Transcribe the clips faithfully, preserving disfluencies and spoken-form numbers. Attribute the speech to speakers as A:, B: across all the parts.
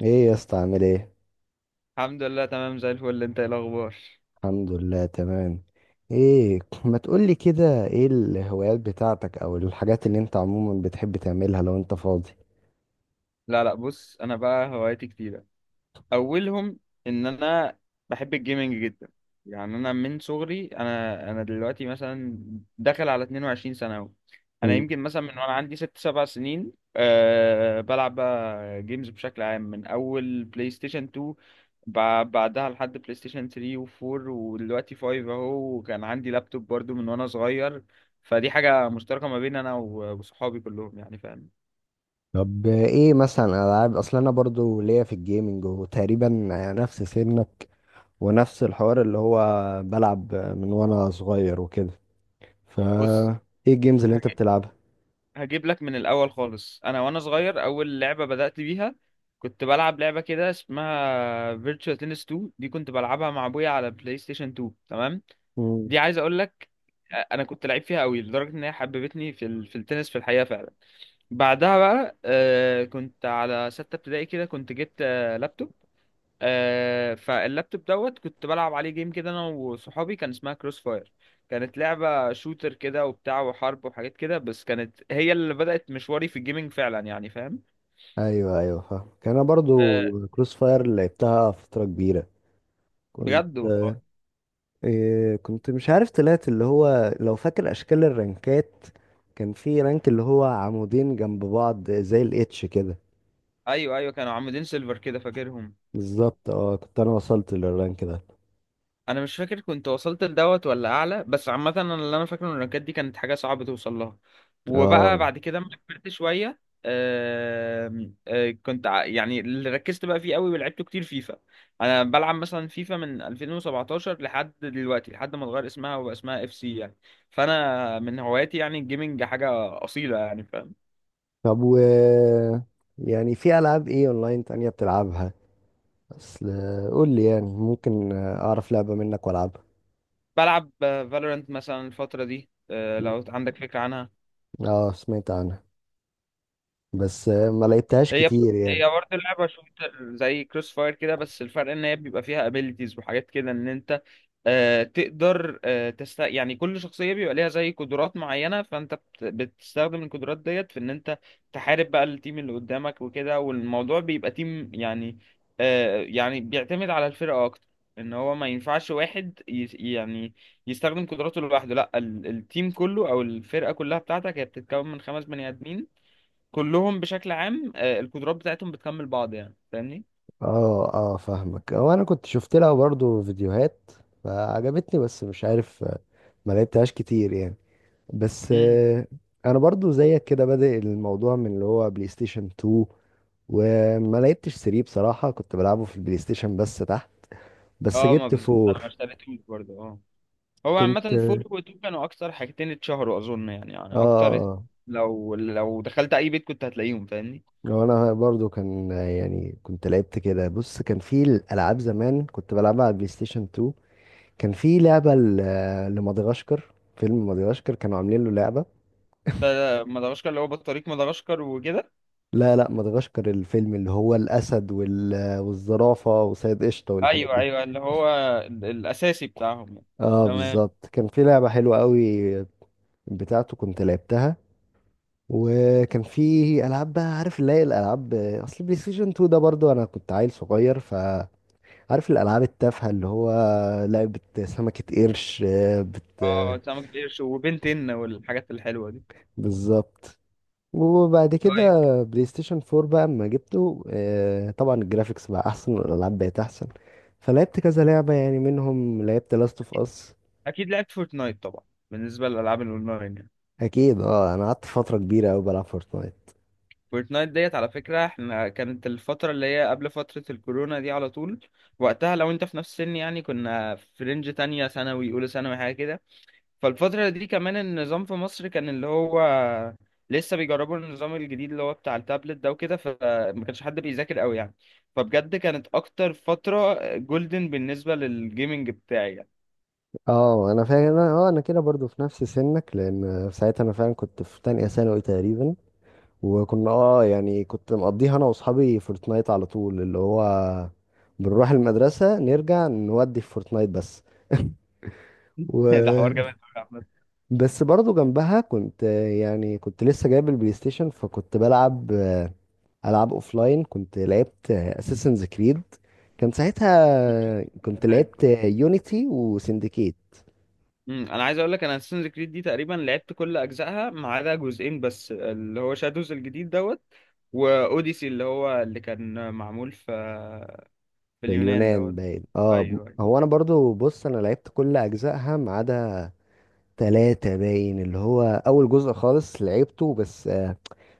A: ايه يا اسطى، عامل ايه؟
B: الحمد لله، تمام زي الفل. انت ايه الاخبار؟
A: الحمد لله تمام. ايه، ما تقولي كده، ايه الهوايات بتاعتك او الحاجات اللي انت عموما بتحب تعملها لو انت فاضي؟
B: لا لا، بص، انا بقى هوايتي كتير. اولهم ان انا بحب الجيمنج جدا. يعني انا من صغري انا انا دلوقتي مثلا داخل على اتنين وعشرين سنه اهو. انا
A: مم.
B: يمكن مثلا من وانا عندي ست سبع سنين أه بلعب بقى جيمز بشكل عام من اول بلاي ستيشن اتنين، بع- بعدها لحد بلاي ستيشن تلاتة و4 ودلوقتي خمسة اهو. وكان عندي لابتوب برضو من وانا صغير، فدي حاجه مشتركه ما بين انا و- وصحابي كلهم يعني فاهم.
A: طب، ايه مثلا العاب؟ اصل انا برضو ليا في الجيمنج، وتقريبا نفس سنك، ونفس الحوار اللي هو بلعب من وانا صغير وكده، فا
B: بص،
A: ايه الجيمز اللي انت بتلعبها؟
B: هجيب لك من الاول خالص. انا وانا صغير اول لعبه بدات بيها كنت بلعب لعبه كده اسمها فيرتشوال تنس اتنين، دي كنت بلعبها مع ابويا على بلاي ستيشن اتنين، تمام؟
A: مم.
B: دي عايز اقول لك انا كنت لعيب فيها قوي لدرجه ان هي حببتني في ال... في التنس في الحقيقه فعلا. بعدها بقى آه، كنت على سته ابتدائي كده، كنت جبت آه، لابتوب. آه، فاللابتوب دوت كنت بلعب عليه جيم كده انا وصحابي، كان اسمها كروس فاير. كانت لعبة شوتر كده وبتاع وحرب وحاجات كده، بس كانت هي اللي بدأت مشواري في الجيمنج فعلا يعني فاهم.
A: ايوه ايوه، فاهم. كان انا برضو
B: آه،
A: كروس فاير، لعبتها فترة كبيرة. كنت
B: بجد والله.
A: إيه، كنت مش عارف طلعت، اللي هو، لو فاكر اشكال الرنكات، كان في رنك اللي هو عمودين جنب بعض زي الاتش كده.
B: ايوه ايوه، كانوا عاملين سيلفر كده فاكرهم.
A: بالظبط، اه، كنت انا وصلت للرانك ده.
B: انا مش فاكر كنت وصلت لدوت ولا اعلى، بس عامه انا اللي انا فاكره ان الرانكات دي كانت حاجه صعبه توصل لها.
A: اه.
B: وبقى بعد كده لما كبرت شويه آم، آه، كنت ع- يعني اللي ركزت بقى فيه قوي ولعبته كتير فيفا. انا بلعب مثلا فيفا من ألفين وسبعة عشر لحد دلوقتي، لحد ما اتغير اسمها وبقى اسمها اف سي يعني. فانا من هواياتي يعني الجيمنج حاجه اصيله يعني فاهم.
A: طب، و يعني في العاب ايه اونلاين تانية بتلعبها؟ اصل، قول لي، يعني ممكن اعرف لعبة منك والعبها.
B: بلعب فالورانت مثلا الفتره دي، آه، لو عندك فكره.
A: اه، سمعت عنها بس ما لعبتهاش
B: هي بت-
A: كتير يعني.
B: هي برضه اللعبة شوتر زي كروس فاير كده، بس الفرق ان هي بيبقى فيها ابيليتيز وحاجات كده ان انت آه تقدر آه تست يعني. كل شخصية بيبقى ليها زي قدرات معينة، فانت بت- بتستخدم القدرات ديت في ان انت تحارب بقى التيم اللي قدامك وكده. والموضوع بيبقى تيم يعني، آه يعني بيعتمد على الفرقة اكتر. ان هو ما ينفعش واحد يس- يعني يستخدم قدراته لوحده. لا، ال- التيم كله او الفرقة كلها بتاعتك هي بتتكون من خمس بني ادمين، كلهم بشكل عام آه، القدرات بتاعتهم بتكمل بعض يعني فاهمني.
A: اه اه، فاهمك. هو انا كنت شفت لها برضو فيديوهات فعجبتني، بس مش عارف، ما لعبتهاش كتير يعني. بس
B: امم،
A: آه، انا برضو زيك كده، بادئ الموضوع من اللي هو بلاي ستيشن تو، وما لعبتش تلاتة بصراحة، كنت بلعبه في البلاي ستيشن بس تحت. بس
B: اه، ما
A: جبت
B: بالظبط انا ما
A: فور.
B: اشتريتوش برضه. اه، هو
A: كنت
B: عامة فور وتو كانوا اكتر حاجتين اتشهروا اظن يعني، يعني اكتر ات-
A: اه
B: لو لو دخلت اي بيت كنت هتلاقيهم فاهمني.
A: لو انا برضو كان، يعني كنت لعبت كده. بص، كان في الالعاب زمان كنت بلعبها على البلاي ستيشن تو، كان في لعبة ل- لمدغشقر، فيلم مدغشقر كانوا عاملين له لعبة.
B: ف- مدغشقر اللي هو بطريق مدغشقر وكده.
A: لا لا، مدغشقر الفيلم اللي هو الاسد وال- والزرافة وسيد قشطة والحاجات
B: ايوه
A: دي.
B: ايوه، اللي هو ال- الاساسي بتاعهم يعني.
A: اه
B: تمام.
A: بالظبط، كان في لعبة حلوة قوي بتاعته، كنت لعبتها. وكان في العاب بقى، عارف اللي هي الالعاب، اصل بلاي ستيشن تو ده برضو انا كنت عيل صغير، فعارف الالعاب التافهة اللي هو لعبة سمكة قرش، آه، بت
B: اه، سمك القرش وبنتين والحاجات الحلوة دي.
A: بالظبط. وبعد كده،
B: طيب،
A: بلاي ستيشن فور بقى اما جبته، آه، طبعا الجرافيكس بقى احسن والالعاب بقت احسن، فلعبت كذا لعبة، يعني منهم لعبت لاست اوف اس.
B: اكيد لعبت فورتنايت طبعا، بالنسبة للالعاب الاونلاين يعني.
A: اكيد، اه، انا قعدت فترة كبيرة قوي بلعب فورتنايت.
B: فورتنايت ديت على فكرة احنا كانت الفترة اللي هي قبل فترة الكورونا دي على طول. وقتها لو انت في نفس السن يعني كنا في رينج تانية ثانوي أولى ثانوي حاجة كده. فالفترة دي كمان النظام في مصر كان اللي هو لسه بيجربوا النظام الجديد اللي هو بتاع التابلت ده وكده، فما كانش حد بيذاكر قوي يعني. فبجد كانت أكتر فترة جولدن بالنسبة للجيمنج بتاعي يعني.
A: اه انا فاهم. اه انا كده برضو في نفس سنك، لان ساعتها انا فعلا كنت في تانية ثانوي تقريبا. وكنا اه يعني كنت مقضيها انا واصحابي فورتنايت على طول، اللي هو بنروح المدرسة نرجع نودي في فورتنايت بس.
B: ده حوار جامد
A: و
B: أوي يا
A: بس برضو جنبها كنت، يعني كنت لسه جايب البلاي ستيشن، فكنت بلعب آه، العاب اوفلاين. كنت لعبت اساسنز كريد، كان
B: أحمد.
A: ساعتها كنت لعبت يونيتي وسندكيت
B: امم انا عايز اقول لك انا اساسنز كريد دي تقريبا لعبت كل اجزائها ما عدا جزئين بس، اللي هو شادوز الجديد دوت واوديسي اللي هو اللي كان معمول في في
A: في
B: اليونان
A: اليونان
B: دوت.
A: باين. اه ب-
B: ايوه، أيوة.
A: هو انا برضو، بص، انا لعبت كل اجزائها ما عدا تلاتة باين، اللي هو اول جزء خالص لعبته. بس آه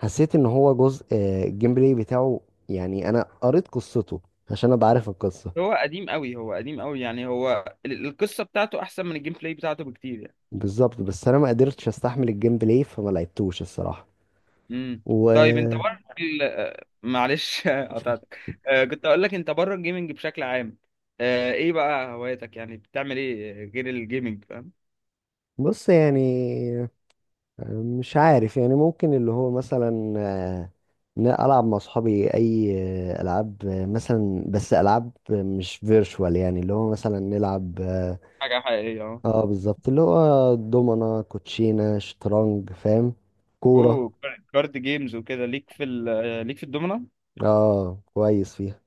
A: حسيت ان هو جزء، آه الجيم بلاي بتاعه، يعني انا قريت قصته عشان ابقى عارف القصة.
B: هو قديم قوي هو قديم قوي يعني. هو ال- القصه بتاعته احسن من الجيم بلاي بتاعته بكتير يعني.
A: بالظبط. بس انا ما قدرتش استحمل الجيم بلاي فما لعبتوش الصراحة.
B: امم طيب، انت
A: وبص،
B: بره ال- آه، معلش قطعتك. آه، كنت اقول لك انت بره الجيمنج بشكل عام، آه، ايه بقى هواياتك؟ يعني بتعمل ايه غير الجيمنج فاهم.
A: يعني مش عارف، يعني ممكن اللي هو مثلا آه، إن أنا ألعب مع أصحابي أي آه، ألعاب، آه، مثلا بس ألعاب مش فيرشوال، يعني اللي هو مثلا نلعب اه
B: حاجه حقيقيه اهو.
A: آه، بالظبط، اللي هو دومنا، كوتشينة، شطرنج، فاهم، كورة.
B: اوه، كارد جيمز وكده. ليك في ال- ليك في الدومنة.
A: اه كويس فيها.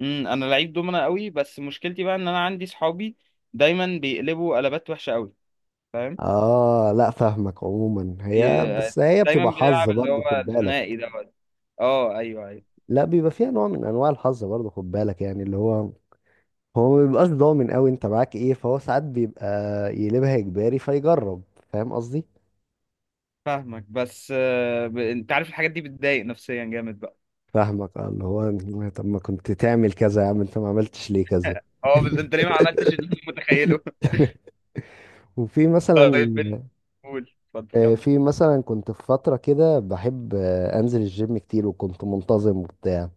B: امم انا لعيب دومنة قوي، بس مشكلتي بقى ان انا عندي صحابي دايما بيقلبوا قلبات وحشة قوي فاهم.
A: اه لا فاهمك، عموما هي،
B: بي-
A: بس هي
B: دايما
A: بتبقى حظ
B: بنلعب اللي
A: برضه،
B: هو
A: خد بالك.
B: الثنائي دوت. اه، ايوه ايوه،
A: لا بيبقى فيها نوع من انواع الحظ برضه، خد بالك، يعني اللي هو، هو ما بيبقاش ضامن قوي انت معاك ايه، فهو ساعات بيبقى يقلبها اجباري فيجرب، فاهم قصدي.
B: فاهمك. بس آه، ب... انت عارف الحاجات دي بتضايق نفسيا جامد بقى.
A: فاهمك، اه، اللي هو، طب ما كنت تعمل كذا يا عم، انت ما عملتش ليه كذا؟
B: اه، بس انت ليه ما عملتش اللي انا متخيله؟
A: وفي مثلا
B: طيب، بن- قول اتفضل
A: آه،
B: كمل.
A: في مثلا كنت في فترة كده بحب آه، انزل الجيم كتير، وكنت منتظم وبتاع،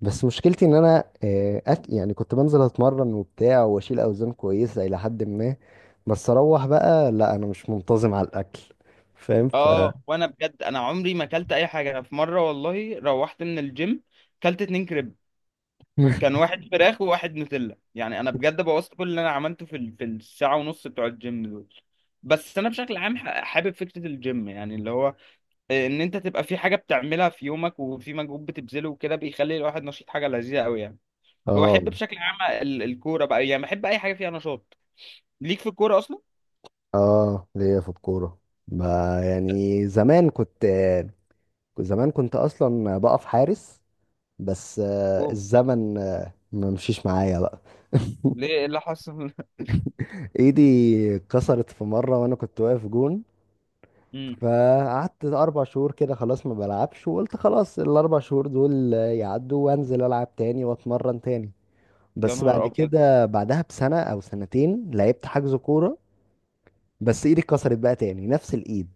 A: بس مشكلتي ان انا آه، أك... يعني كنت بنزل اتمرن وبتاع واشيل اوزان كويسة الى حد ما، بس اروح بقى لا، انا مش منتظم على الاكل، فاهم، ف
B: اه، وانا بجد انا عمري ما اكلت اي حاجه. انا في مره والله روحت من الجيم كلت اتنين كريب. كان واحد فراخ وواحد نوتيلا، يعني انا بجد بوظت كل اللي انا عملته في ال- في الساعه ونص بتوع الجيم دول. بس انا بشكل عام ح- حابب فكره الجيم يعني اللي هو آه، ان انت تبقى في حاجه بتعملها في يومك وفي مجهود بتبذله وكده، بيخلي الواحد نشيط حاجه لذيذه قوي يعني. وبحب
A: اه
B: بشكل عام ال- الكوره بقى يعني، بحب اي حاجه فيها نشاط. ليك في الكوره اصلا؟
A: اه، ليا في الكورة. ب- يعني زمان كنت زمان كنت اصلا بقف حارس، بس آه،
B: اوه،
A: الزمن آه، ما مشيش معايا بقى.
B: ليه، إيه اللي حصل؟
A: ايدي اتكسرت في مرة وانا كنت واقف جون،
B: امم
A: فقعدت اربع شهور كده خلاص ما بلعبش، وقلت خلاص الاربع شهور دول آه، يعدوا وانزل العب تاني واتمرن تاني،
B: يا
A: بس
B: نهار
A: بعد
B: ابيض.
A: كده بعدها بسنة او سنتين لعبت حجز كورة، بس ايدي اتكسرت بقى تاني نفس الايد،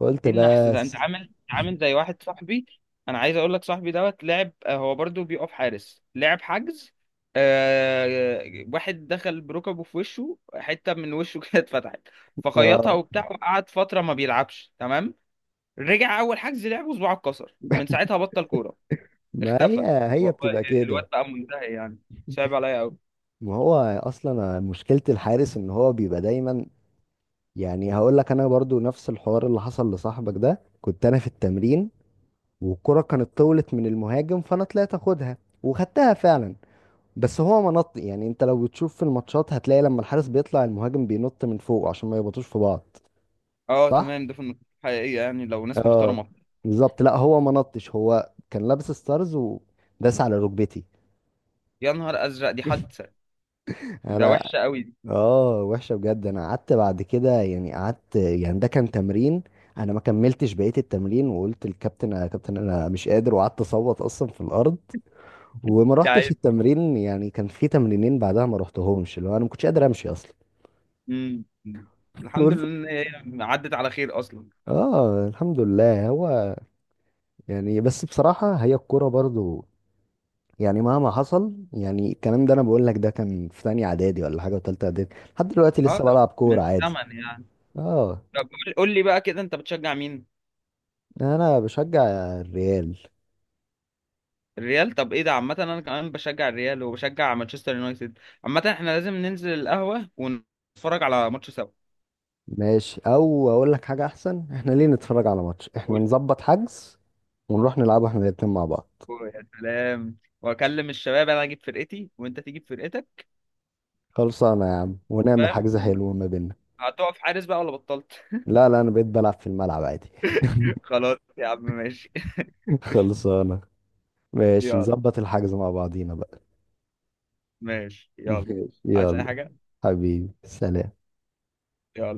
A: قلت
B: ايه النحس ده! انت
A: بس.
B: عامل عامل زي واحد صاحبي. انا عايز اقول لك صاحبي دوت لعب، آه، هو برضو بيقف حارس لعب حجز، آه واحد دخل بركبه في وشه، حتة من وشه كده اتفتحت، فخيطها
A: اه،
B: وبتاع وقعد فترة ما بيلعبش تمام. رجع اول حجز لعب وصباعه اتكسر، من ساعتها بطل كورة.
A: ما هي
B: اختفى،
A: هي
B: والله
A: بتبقى
B: ال- الواد
A: كده.
B: بقى منتهي يعني. صعب عليا قوي.
A: ما هو اصلا مشكلة الحارس ان هو بيبقى دايما، يعني هقول لك، انا برضو نفس الحوار اللي حصل لصاحبك ده، كنت انا في التمرين والكرة كانت طولت من المهاجم، فانا طلعت اخدها وخدتها فعلا، بس هو منط، يعني انت لو بتشوف في الماتشات هتلاقي لما الحارس بيطلع المهاجم بينط من فوق عشان ما يبطوش في بعض،
B: اه
A: صح؟
B: تمام، ده في النقطة الحقيقية يعني لو ناس
A: اه
B: محترمة.
A: بالظبط. لا هو ما نطش، هو كان لابس ستارز وداس على ركبتي.
B: يا نهار ازرق، دي حادثة! ده
A: انا.
B: وحشة قوي دي
A: اه، وحشة بجد، انا قعدت بعد كده، يعني قعدت، يعني ده كان تمرين، انا ما كملتش بقية التمرين، وقلت للكابتن يا كابتن انا مش قادر، وقعدت اصوت اصلا في الارض، وما رحتش
B: يعني.
A: التمرين، يعني كان في تمرينين بعدها ما رحتهمش، اللي هو انا ما كنتش قادر امشي اصلا.
B: امم الحمد
A: والف-
B: لله ان هي عدت على خير اصلا.
A: اه الحمد لله، هو يعني، بس بصراحة هي الكورة برضو، يعني مهما حصل، يعني الكلام ده انا بقول لك، ده كان في تانية اعدادي ولا حاجة وتالتة اعدادي، لحد دلوقتي
B: اه،
A: لسه
B: ده
A: بلعب كورة
B: من
A: عادي.
B: زمن يعني.
A: اه.
B: طب، قول قول لي بقى كده، انت بتشجع مين؟
A: انا بشجع الريال.
B: الريال؟ طب ايه ده، عامه انا كمان بشجع الريال وبشجع مانشستر يونايتد. عامه احنا لازم ننزل القهوه ونتفرج على ماتش سوا.
A: ماشي، او اقول لك حاجه احسن، احنا ليه نتفرج على ماتش؟ احنا
B: قول،
A: نظبط حجز ونروح نلعبه احنا الاتنين مع بعض.
B: قول يا سلام، واكلم الشباب، انا اجيب فرقتي وانت تجيب فرقتك
A: خلصانه يا عم، ونعمل حجز
B: فاهم.
A: حلو ما بيننا.
B: هتقف حارس بقى ولا بطلت؟
A: لا لا، انا بقيت بلعب في الملعب عادي.
B: خلاص يا عم ماشي.
A: خلصانه، ماشي،
B: يلا،
A: نظبط الحجز مع بعضينا بقى.
B: ماشي يلا.
A: ماشي
B: عايز اي
A: يلا.
B: حاجه؟
A: حبيبي سلام.
B: يلا.